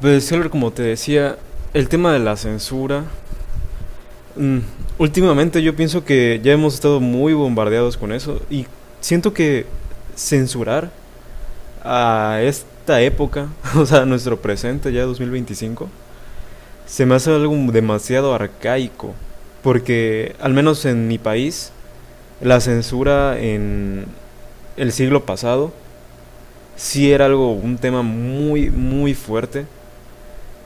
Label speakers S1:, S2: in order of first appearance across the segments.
S1: Pues, Heller, como te decía, el tema de la censura. mm, Últimamente yo pienso que ya hemos estado muy bombardeados con eso y siento que censurar a esta época, o sea, nuestro presente ya 2025, se me hace algo demasiado arcaico. Porque, al menos en mi país, la censura en el siglo pasado sí era un tema muy, muy fuerte.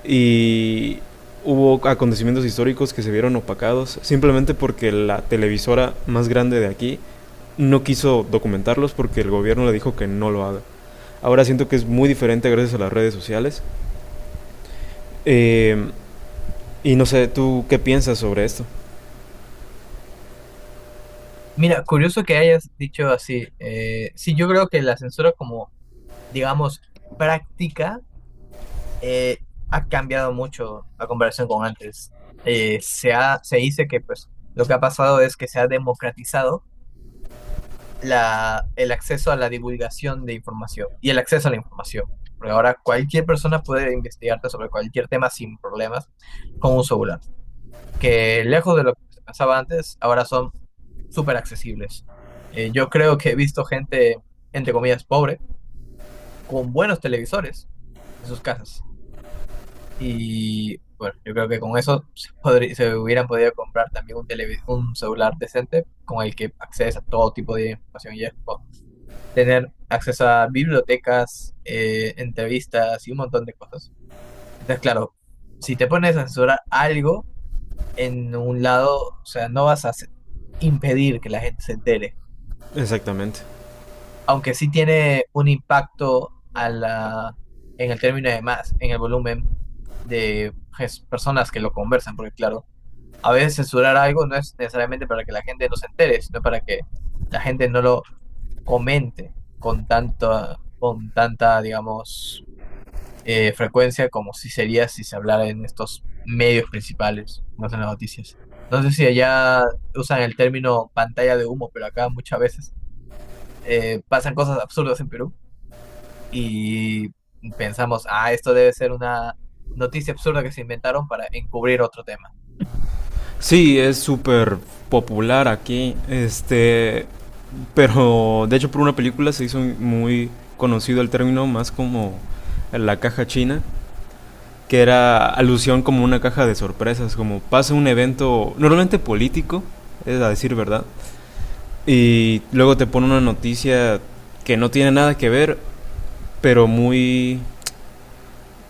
S1: Y hubo acontecimientos históricos que se vieron opacados simplemente porque la televisora más grande de aquí no quiso documentarlos porque el gobierno le dijo que no lo haga. Ahora siento que es muy diferente gracias a las redes sociales. Eh, y no sé, ¿tú qué piensas sobre esto?
S2: Mira, curioso que hayas dicho así. Sí, yo creo que la censura, como digamos práctica, eh, ha cambiado mucho a comparación con antes. Se dice que pues lo que ha pasado es que se ha democratizado el acceso a la divulgación de información y el acceso a la información. Porque ahora cualquier persona puede investigarte sobre cualquier tema sin problemas con un celular que, lejos de lo que se pasaba antes, ahora son súper accesibles. Yo creo que he visto gente, entre comillas, pobre, con buenos televisores en sus casas. Y bueno, yo creo que con eso se se hubieran podido comprar también un celular decente con el que accedes a todo tipo de información, y es como tener acceso a bibliotecas, entrevistas y un montón de cosas. Entonces, claro, si te pones a censurar algo en un lado, o sea, no vas a hacer- impedir que la gente se entere,
S1: Exactamente.
S2: aunque sí tiene un impacto a en el término de más, en el volumen de personas que lo conversan, porque claro, a veces censurar algo no es necesariamente para que la gente no se entere, sino para que la gente no lo comente con tanta, digamos, frecuencia como si sería si se hablara en estos medios principales, no en las noticias. No sé si allá usan el término pantalla de humo, pero acá muchas veces pasan cosas absurdas en Perú, y pensamos, ah, esto debe ser una noticia absurda que se inventaron para encubrir otro tema.
S1: Sí, es súper popular aquí. Pero de hecho por una película se hizo muy conocido el término más como la caja china, que era alusión como una caja de sorpresas, como pasa un evento normalmente político, es a decir verdad, y luego te pone una noticia que no tiene nada que ver, pero muy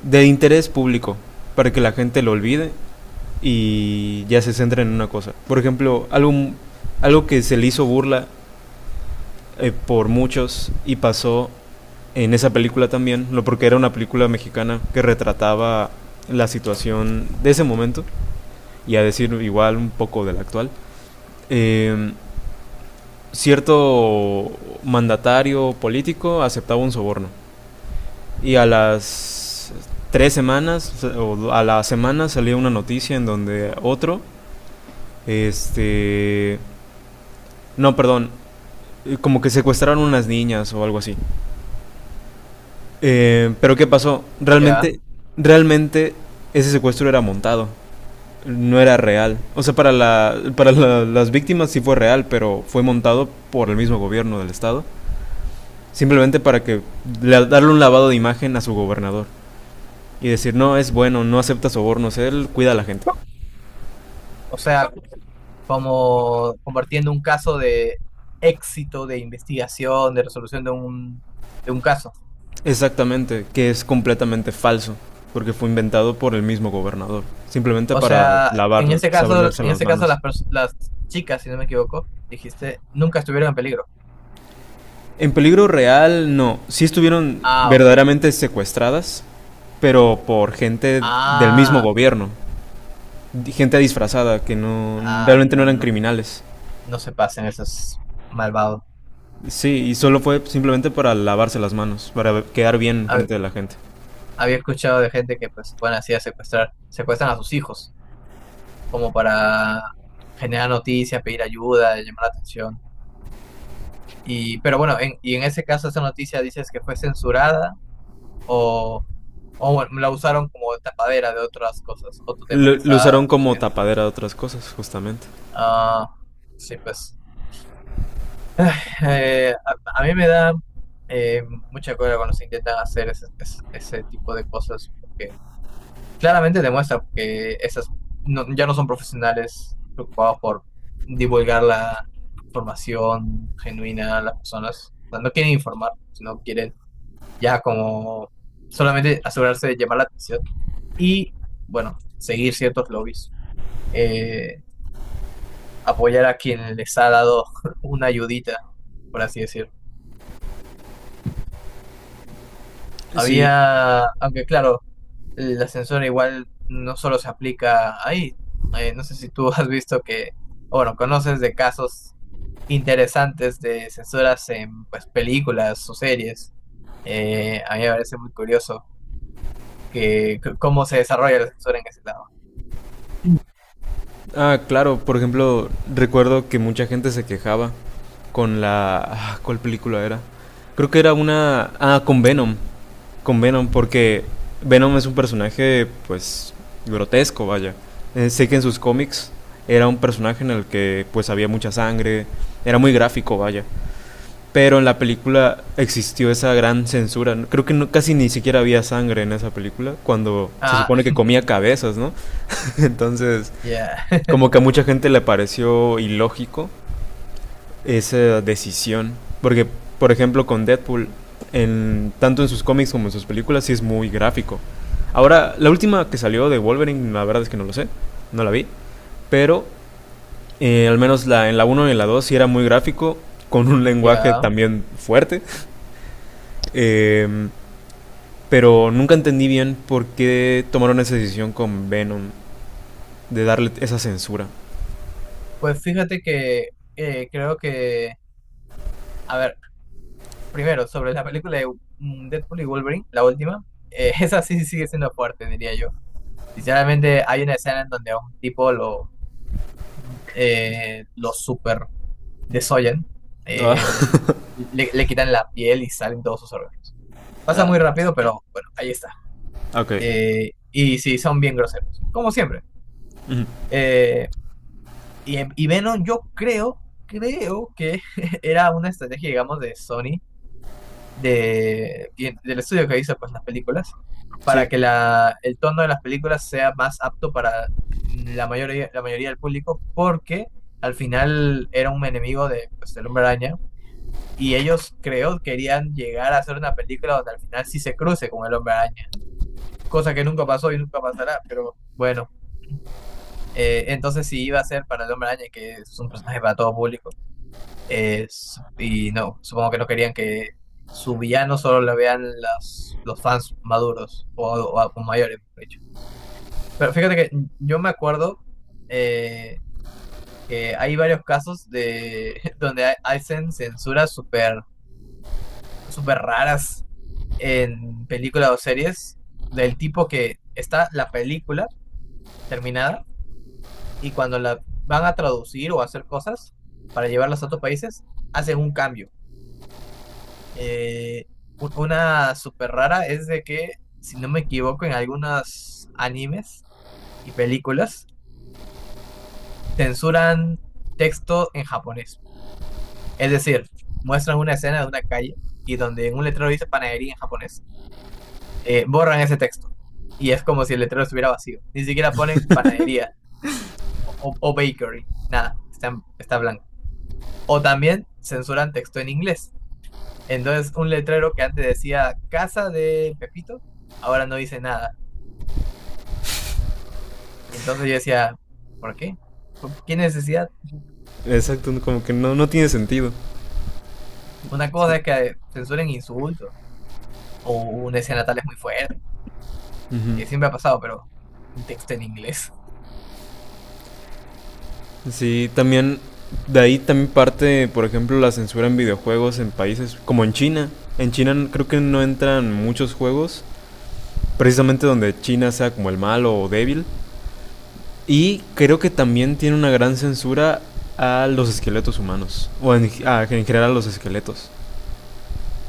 S1: de interés público, para que la gente lo olvide y ya se centre en una cosa. Por ejemplo, algo que se le hizo burla por muchos y pasó en esa película también, no porque era una película mexicana que retrataba la situación de ese momento y a decir igual un poco del actual, eh, cierto mandatario político aceptaba un soborno y a las 3 semanas o a la semana salía una noticia en donde otro, este, no, perdón, como que secuestraron unas niñas o algo así. Pero ¿qué pasó?
S2: Ya,
S1: Realmente, realmente ese secuestro era montado. No era real. O sea, para las víctimas sí fue real, pero fue montado por el mismo gobierno del estado. Simplemente para que darle un lavado de imagen a su gobernador. Y decir, no, es bueno, no acepta sobornos, él cuida a la gente.
S2: o sea, como compartiendo un caso de éxito de investigación, de resolución de de un caso.
S1: Exactamente, que es completamente falso. Porque fue inventado por el mismo gobernador. Simplemente
S2: O
S1: para
S2: sea,
S1: lavar, lavarse
S2: en
S1: las
S2: ese caso las,
S1: manos.
S2: las chicas, si no me equivoco, dijiste, nunca estuvieron en peligro.
S1: En peligro real, no. Sí estuvieron
S2: Ah, ok.
S1: verdaderamente secuestradas, pero por gente del mismo
S2: Ah,
S1: gobierno. Gente disfrazada que no
S2: ah,
S1: realmente no
S2: no,
S1: eran
S2: no,
S1: criminales.
S2: no se pasen esos malvados.
S1: Sí, y solo fue simplemente para lavarse las manos, para quedar bien
S2: Hab-
S1: frente de la gente.
S2: Había escuchado de gente que pues se ponen así a secuestrar, secuestran a sus hijos, como para generar noticias, pedir ayuda, llamar la atención. Y pero bueno, y en ese caso esa noticia dices que fue censurada, o, o bueno, la usaron como tapadera de otras cosas, otro tema
S1: Lo,
S2: que
S1: lo
S2: está
S1: usaron como
S2: sucediendo.
S1: tapadera de otras cosas, justamente.
S2: Ah, sí, pues. A mí me da eh, mucha cólera cuando se intentan hacer ese tipo de cosas, porque claramente demuestra que esas ya no son profesionales preocupados por divulgar la información genuina a las personas. O sea, no quieren informar, sino quieren ya como solamente asegurarse de llamar la atención y, bueno, seguir ciertos lobbies. Eh, Apoyar a quien les ha dado una ayudita, por así decirlo.
S1: Sí,
S2: Había, aunque claro, la censura igual no solo se aplica ahí. No sé si tú has visto que, o bueno, conoces de casos interesantes de censuras en pues películas o series. A mí me parece muy curioso cómo se desarrolla la censura en ese lado.
S1: ah, claro, por ejemplo, recuerdo que mucha gente se quejaba. Ah, ¿cuál película era? Creo que era. Ah, con Venom. Con Venom, porque Venom es un personaje, pues, grotesco, vaya. Sé que en sus cómics era un personaje en el que, pues, había mucha sangre, era muy gráfico, vaya. Pero en la película existió esa gran censura. Creo que no, casi ni siquiera había sangre en esa película, cuando se
S2: Ah,
S1: supone que comía cabezas, ¿no? Entonces,
S2: ya,
S1: como que a mucha gente le pareció ilógico esa decisión. Porque, por ejemplo, con Deadpool, en, tanto en sus cómics como en sus películas, sí es muy gráfico. Ahora, la última que salió de Wolverine, la verdad es que no lo sé, no la vi. Pero, al menos en la uno y en la 2 sí era muy gráfico, con un lenguaje
S2: ya.
S1: también fuerte. Eh, pero nunca entendí bien por qué tomaron esa decisión con Venom de darle esa censura.
S2: Pues fíjate que creo que, a ver, primero, sobre la película de Deadpool y Wolverine, la última, esa sí sigue siendo fuerte, diría yo. Sinceramente, hay una escena en donde a un tipo lo super desollan,
S1: Ah,
S2: el- le, quitan la piel y salen todos sus órganos. Pasa
S1: ah,
S2: muy rápido, pero bueno, ahí está.
S1: ok.
S2: Y sí, son bien groseros, como siempre.
S1: Ujú.
S2: Eh, y, Venom, yo creo, creo que era una estrategia, digamos, de Sony, de, del estudio que hizo pues las películas, para
S1: Sí.
S2: que el tono de las películas sea más apto para la mayoría del público, porque al final era un enemigo de, pues, del Hombre Araña, y ellos creo querían llegar a hacer una película donde al final sí se cruce con el Hombre Araña, cosa que nunca pasó y nunca pasará, pero bueno, entonces sí iba a ser para el Hombre Araña, que es un personaje para todo público. Y no, supongo que no querían que su villano solo lo vean los fans maduros o mayores, mejor dicho. Pero fíjate que yo me acuerdo, eh, que hay varios casos de donde hacen censuras súper súper raras en películas o series, del tipo que está la película terminada y cuando la van a traducir o hacer cosas para llevarlas a otros países, hacen un cambio. Eh, una súper rara es de que, si no me equivoco, en algunos animes y películas censuran texto en japonés. Es decir, muestran una escena de una calle y donde en un letrero dice panadería en japonés, borran ese texto. Y es como si el letrero estuviera vacío. Ni siquiera ponen panadería o bakery. Nada, está blanco. O también censuran texto en inglés. Entonces, un letrero que antes decía casa de Pepito, ahora no dice nada. Y entonces yo decía, ¿por qué? ¿Por ¿Qué necesidad?
S1: Exacto, no, como que no, no tiene sentido.
S2: Una cosa es que censuren insultos o una escena tal es muy fuerte,
S1: Uh -huh.
S2: que siempre ha pasado, pero un texto en inglés.
S1: Sí, también de ahí también parte, por ejemplo, la censura en videojuegos en países como en China. En China creo que no entran muchos juegos, precisamente donde China sea como el malo o débil. Y creo que también tiene una gran censura a los esqueletos humanos, o en general a los esqueletos.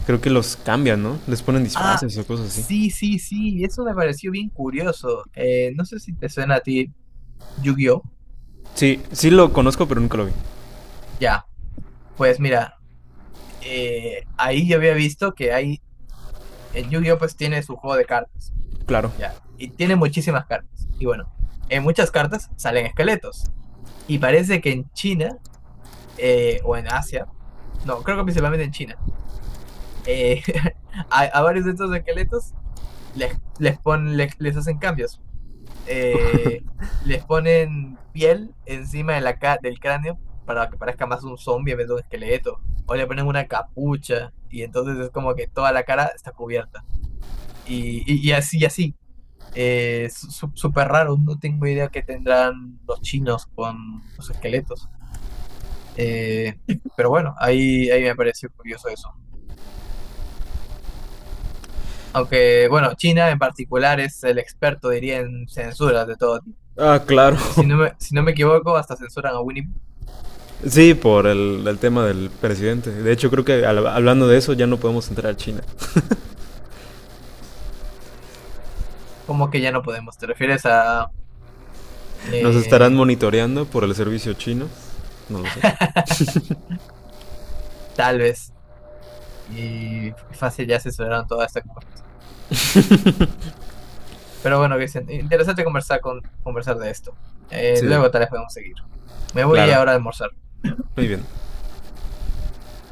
S1: Creo que los cambian, ¿no? Les ponen
S2: Ah,
S1: disfraces o cosas así.
S2: sí, sí, sí, eso me pareció bien curioso. No sé si te suena a ti Yu-Gi-Oh!
S1: Sí, sí lo conozco, pero nunca lo vi.
S2: Ya, pues mira, ahí yo había visto que hay, el Yu-Gi-Oh! Pues tiene su juego de cartas,
S1: Claro.
S2: ya, y tiene muchísimas cartas. Y bueno, en muchas cartas salen esqueletos. Y parece que en China, o en Asia, no, creo que principalmente en China, eh, a varios de estos esqueletos les, hacen cambios. Eh, Les ponen piel encima de la, del cráneo para que parezca más un zombie en vez de un esqueleto. O le ponen una capucha y entonces es como que toda la cara está cubierta. Y, así, y así. Súper raro, no tengo idea qué tendrán los chinos con los esqueletos. Eh, pero bueno, ahí, me pareció curioso eso. Aunque, bueno, China en particular es el experto, diría, en censuras de todo tipo.
S1: Ah, claro.
S2: Si no me equivoco, hasta censuran a Winnie.
S1: Sí, por el tema del presidente. De hecho, creo que hablando de eso ya no podemos entrar a China.
S2: ¿Cómo que ya no podemos? ¿Te refieres a,
S1: Nos estarán
S2: eh,
S1: monitoreando por el servicio chino. No lo sé.
S2: tal vez? Y fácil, ya censuraron toda esta cosa. Pero bueno, Vicente, interesante conversar, conversar de esto.
S1: Sí,
S2: Luego tal vez podemos seguir. Me voy
S1: claro.
S2: ahora a almorzar.
S1: Muy bien.